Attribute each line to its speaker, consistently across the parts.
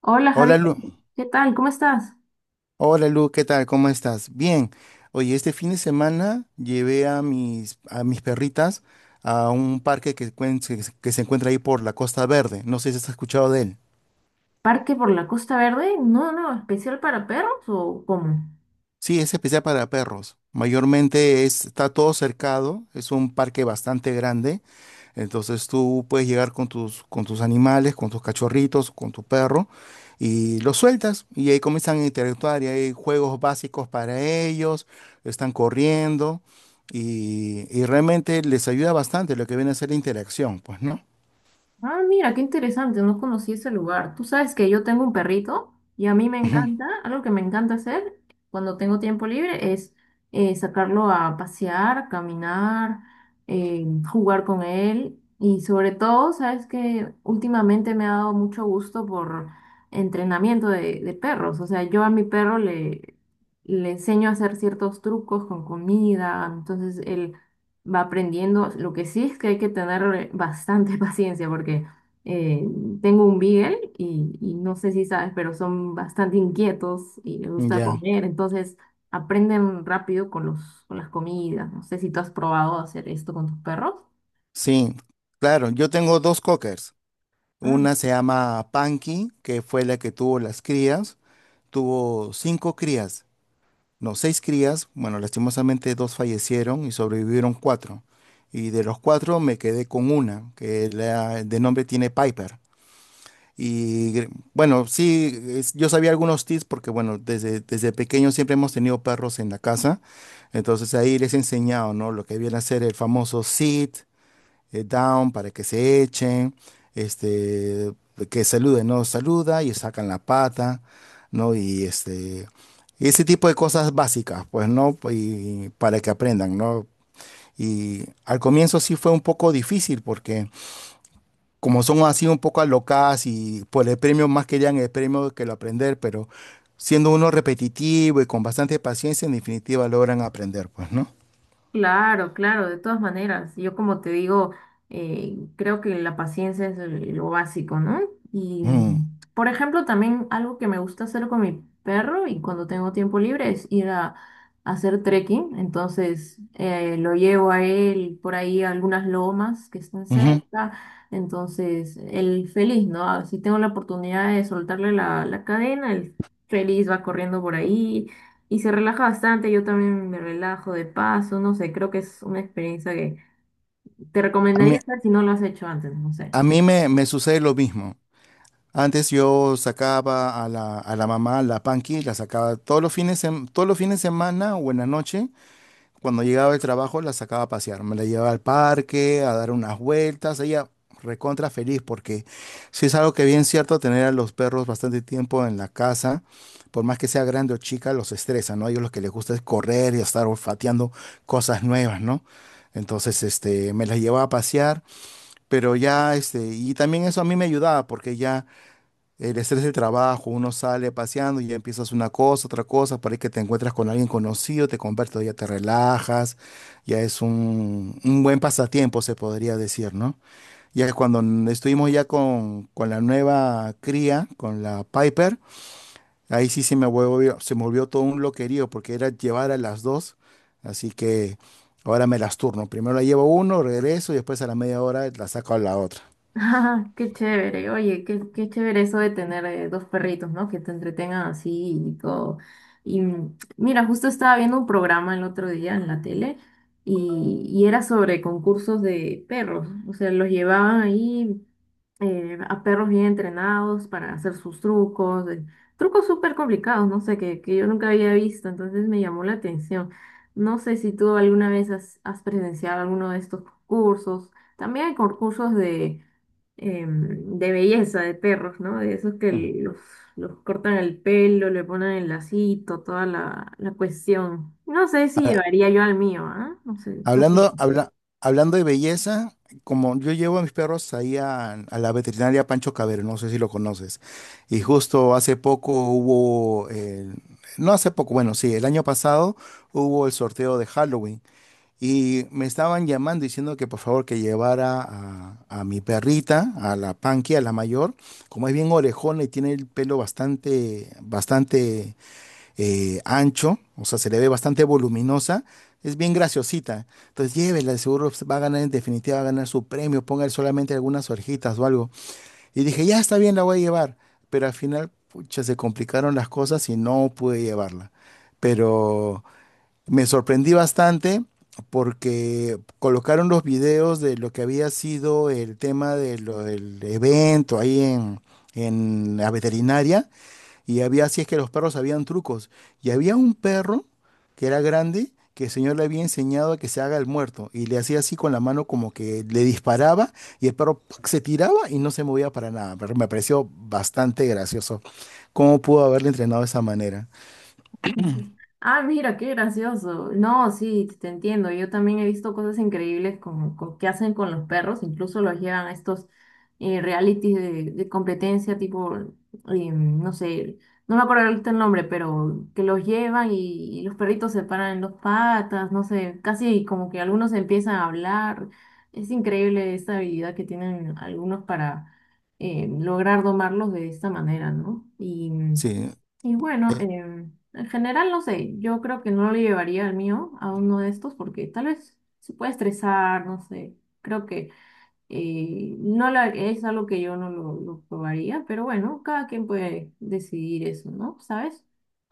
Speaker 1: Hola
Speaker 2: Hola
Speaker 1: Javier,
Speaker 2: Lu,
Speaker 1: ¿qué tal? ¿Cómo estás?
Speaker 2: hola Lu, ¿qué tal? ¿Cómo estás? Bien. Oye, este fin de semana llevé a mis perritas a un parque que se encuentra ahí por la Costa Verde. No sé si has escuchado de él.
Speaker 1: ¿Parque por la Costa Verde? No, no, ¿especial para perros o cómo?
Speaker 2: Sí, es especial para perros. Mayormente está todo cercado, es un parque bastante grande. Entonces tú puedes llegar con tus animales, con tus cachorritos, con tu perro y los sueltas y ahí comienzan a interactuar y hay juegos básicos para ellos, están corriendo y realmente les ayuda bastante lo que viene a ser la interacción, pues, ¿no?
Speaker 1: Ah, mira, qué interesante, no conocí ese lugar. Tú sabes que yo tengo un perrito y a mí me
Speaker 2: Ujú.
Speaker 1: encanta, algo que me encanta hacer cuando tengo tiempo libre es sacarlo a pasear, caminar, jugar con él y sobre todo, sabes que últimamente me ha dado mucho gusto por entrenamiento de perros. O sea, yo a mi perro le enseño a hacer ciertos trucos con comida, entonces él va aprendiendo. Lo que sí es que hay que tener bastante paciencia porque eh, tengo un Beagle y no sé si sabes, pero son bastante inquietos y les gusta
Speaker 2: Ya,
Speaker 1: comer, entonces aprenden rápido con con las comidas. No sé si tú has probado hacer esto con tus perros.
Speaker 2: sí, claro, yo tengo dos cockers.
Speaker 1: Ah,
Speaker 2: Una se llama Panky, que fue la que tuvo las crías, tuvo cinco crías. No, seis crías, bueno, lastimosamente dos fallecieron y sobrevivieron cuatro. Y de los cuatro me quedé con una, de nombre tiene Piper. Y bueno, sí, yo sabía algunos tips porque, bueno, desde pequeño siempre hemos tenido perros en la casa. Entonces ahí les he enseñado, ¿no? Lo que viene a ser el famoso sit, down para que se echen, este, que saluden, no saluda y sacan la pata, ¿no? Y ese tipo de cosas básicas, pues, ¿no? Y para que aprendan, ¿no? Y al comienzo sí fue un poco difícil porque como son así un poco alocadas y por el premio más querían el premio que lo aprender, pero siendo uno repetitivo y con bastante paciencia, en definitiva logran aprender, pues, ¿no?
Speaker 1: claro, claro, de todas maneras. Yo como te digo, creo que la paciencia es lo básico, ¿no? Y,
Speaker 2: Mm,
Speaker 1: por ejemplo, también algo que me gusta hacer con mi perro y cuando tengo tiempo libre es ir a hacer trekking. Entonces, lo llevo a él por ahí a algunas lomas que están
Speaker 2: ujú.
Speaker 1: cerca. Entonces, él feliz, ¿no? Si tengo la oportunidad de soltarle la cadena, él feliz va corriendo por ahí y se relaja bastante, yo también me relajo de paso, no sé, creo que es una experiencia que te
Speaker 2: A mí,
Speaker 1: recomendaría hacer si no lo has hecho antes, no sé.
Speaker 2: a mí me sucede lo mismo. Antes yo sacaba a la mamá, la Panky, la sacaba todos los fines de semana o en la noche. Cuando llegaba del trabajo, la sacaba a pasear. Me la llevaba al parque, a dar unas vueltas. Ella recontra feliz porque sí es algo que bien cierto tener a los perros bastante tiempo en la casa. Por más que sea grande o chica, los estresa, ¿no? A ellos lo que les gusta es correr y estar olfateando cosas nuevas, ¿no? Entonces, me las llevaba a pasear, pero ya, y también eso a mí me ayudaba porque ya el estrés del trabajo, uno sale paseando y ya empiezas una cosa, otra cosa, para que te encuentras con alguien conocido, te conviertes, ya te relajas, ya es un buen pasatiempo, se podría decir, ¿no? Ya que cuando estuvimos ya con la nueva cría, con la Piper, ahí sí se me volvió todo un loquerío, porque era llevar a las dos, así que ahora me las turno. Primero la llevo uno, regreso y después a la media hora la saco a la otra.
Speaker 1: Ah, qué chévere, oye, qué, qué chévere eso de tener dos perritos, ¿no? Que te entretengan así y todo. Y mira, justo estaba viendo un programa el otro día en la tele y era sobre concursos de perros, o sea, los llevaban ahí a perros bien entrenados para hacer sus trucos, trucos súper complicados, no sé, que yo nunca había visto, entonces me llamó la atención. No sé si tú alguna vez has, has presenciado alguno de estos concursos. También hay concursos de, de belleza de perros, ¿no? De esos que
Speaker 2: Mm.
Speaker 1: los, los cortan el pelo, le ponen el lacito, toda la cuestión. No sé si
Speaker 2: A-
Speaker 1: llevaría yo al mío, ¿ah? No sé, ¿qué
Speaker 2: Hablando,
Speaker 1: opinas?
Speaker 2: habla- hablando de belleza, como yo llevo a mis perros ahí a la veterinaria Pancho Cabero, no sé si lo conoces, y justo hace poco hubo, no hace poco, bueno, sí, el año pasado hubo el sorteo de Halloween y me estaban llamando diciendo que por favor que llevara a mi perrita, a la Panky, a la mayor, como es bien orejona y tiene el pelo bastante, bastante ancho, o sea, se le ve bastante voluminosa, es bien graciosita. Entonces llévela, de seguro va a ganar, en definitiva va a ganar su premio, póngale solamente algunas orejitas o algo. Y dije, ya está bien, la voy a llevar, pero al final, pucha, se complicaron las cosas y no pude llevarla. Pero me sorprendí bastante porque colocaron los videos de lo que había sido el tema de lo del evento ahí en la veterinaria y había, así es que los perros sabían trucos. Y había un perro que era grande, que el señor le había enseñado a que se haga el muerto. Y le hacía así con la mano como que le disparaba y el perro ¡pac! Se tiraba y no se movía para nada. Pero me pareció bastante gracioso. ¿Cómo pudo haberle entrenado de esa manera?
Speaker 1: Ujú. Ah, mira, qué gracioso. No, sí, te entiendo. Yo también he visto cosas increíbles con, que hacen con los perros. Incluso los llevan a estos realities de competencia, tipo, no sé, no me acuerdo ahorita el nombre, pero que los llevan y los perritos se paran en dos patas, no sé, casi como que algunos empiezan a hablar. Es increíble esta habilidad que tienen algunos para lograr domarlos de esta manera, ¿no?
Speaker 2: Sí.
Speaker 1: Y bueno.
Speaker 2: eh,
Speaker 1: En general, no sé, yo creo que no lo llevaría al mío, a uno de estos, porque tal vez se puede estresar, no sé. Creo que no es algo que yo no lo probaría, pero bueno, cada quien puede decidir eso, ¿no? ¿Sabes?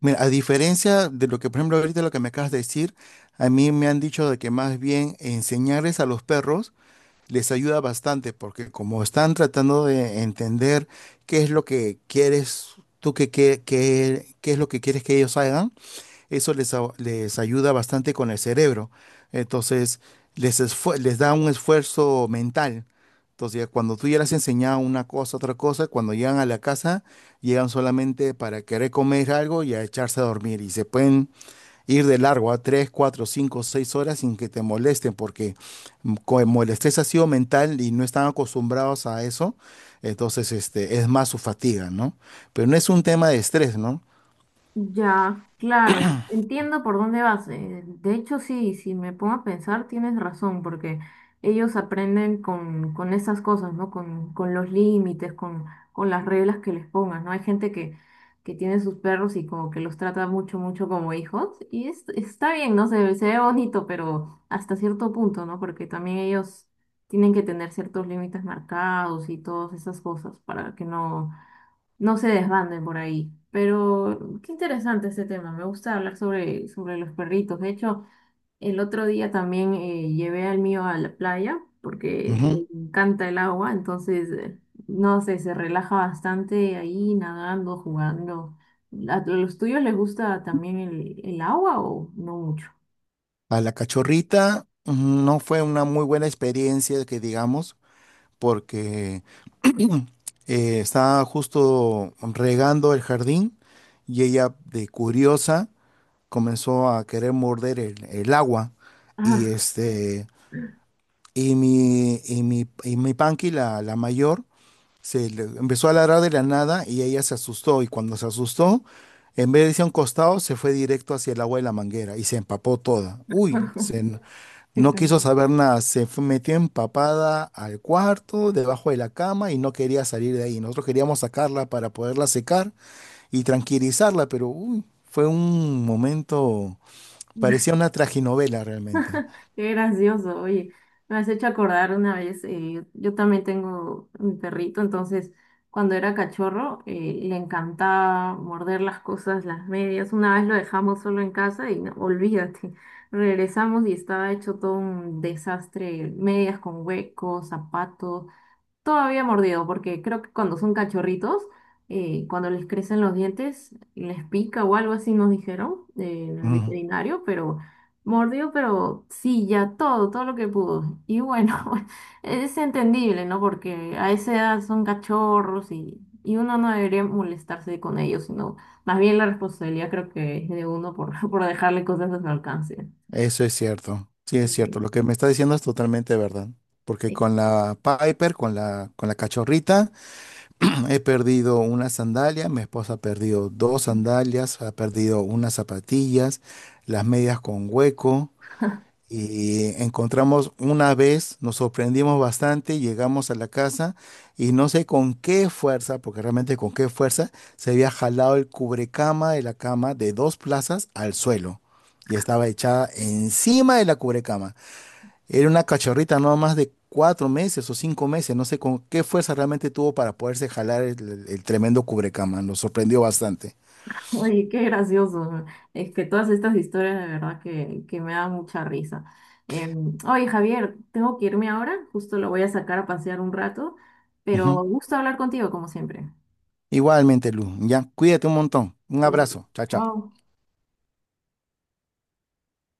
Speaker 2: mira, a diferencia de lo que, por ejemplo, ahorita lo que me acabas de decir, a mí me han dicho de que más bien enseñarles a los perros les ayuda bastante porque como están tratando de entender qué es lo que quieres tú qué es lo que quieres que ellos hagan, eso les ayuda bastante con el cerebro. Entonces, les da un esfuerzo mental. Entonces, ya cuando tú ya les has enseñado una cosa, otra cosa, cuando llegan a la casa, llegan solamente para querer comer algo y a echarse a dormir y se pueden ir de largo a 3 4 5 6 horas sin que te molesten, porque como el estrés ha sido mental y no están acostumbrados a eso, entonces es más su fatiga, ¿no? Pero no es un tema de estrés, ¿no?
Speaker 1: Ya, claro, entiendo por dónde vas. De hecho, sí, si me pongo a pensar, tienes razón, porque ellos aprenden con esas cosas, ¿no? Con los límites, con las reglas que les pongas, ¿no? Hay gente que tiene sus perros y como que los trata mucho, mucho como hijos, y está bien, ¿no? Se ve bonito, pero hasta cierto punto, ¿no? Porque también ellos tienen que tener ciertos límites marcados y todas esas cosas para que no se desbanden por ahí. Pero qué interesante este tema. Me gusta hablar sobre, sobre los perritos. De hecho, el otro día también llevé al mío a la playa porque
Speaker 2: Ujú.
Speaker 1: le encanta el agua. Entonces, no sé, se relaja bastante ahí nadando, jugando. A los tuyos les gusta también el agua o no mucho?
Speaker 2: A la cachorrita, ujú, no fue una muy buena experiencia, que digamos, porque estaba justo regando el jardín y ella, de curiosa, comenzó a querer morder el agua. Y
Speaker 1: Ah,
Speaker 2: y mi Panky, la mayor, empezó a ladrar de la nada y ella se asustó. Y cuando se asustó, en vez de irse a un costado, se fue directo hacia el agua de la manguera y se empapó toda. Uy,
Speaker 1: qué
Speaker 2: no quiso
Speaker 1: calor.
Speaker 2: saber nada. Metió empapada al cuarto, debajo de la cama y no quería salir de ahí. Nosotros queríamos sacarla para poderla secar y tranquilizarla, pero uy, fue un momento, parecía una traginovela realmente.
Speaker 1: Qué gracioso, oye, me has hecho acordar una vez, yo también tengo un perrito, entonces cuando era cachorro le encantaba morder las cosas, las medias, una vez lo dejamos solo en casa y no, olvídate, regresamos y estaba hecho todo un desastre, medias con huecos, zapatos, todavía mordido, porque creo que cuando son cachorritos, cuando les crecen los dientes, les pica o algo así nos dijeron en el veterinario, pero mordió, pero sí, ya todo, todo lo que pudo. Y bueno, es entendible, ¿no? Porque a esa edad son cachorros y uno no debería molestarse con ellos, sino más bien la responsabilidad creo que es de uno por, por dejarle cosas a su alcance.
Speaker 2: Eso es cierto, sí es cierto. Lo que me está diciendo es totalmente verdad. Porque
Speaker 1: Sí.
Speaker 2: con la Piper, con la cachorrita, he perdido una sandalia, mi esposa ha perdido dos sandalias, ha perdido unas zapatillas, las medias con hueco. Y encontramos una vez, nos sorprendimos bastante, llegamos a la casa y no sé con qué fuerza, porque realmente con qué fuerza, se había jalado el cubrecama de la cama de dos plazas al suelo y estaba echada encima de la cubrecama. Era una cachorrita no más de 4 meses o 5 meses, no sé con qué fuerza realmente tuvo para poderse jalar el tremendo cubrecama, nos sorprendió bastante.
Speaker 1: Oye, qué gracioso. Es que todas estas historias de verdad que me dan mucha risa. Oye, Javier, tengo que irme ahora, justo lo voy a sacar a pasear un rato, pero
Speaker 2: Ujú.
Speaker 1: gusto hablar contigo como siempre.
Speaker 2: Igualmente, Lu, ya, cuídate un montón. Un
Speaker 1: Eh,
Speaker 2: abrazo, chao, chao.
Speaker 1: Chao.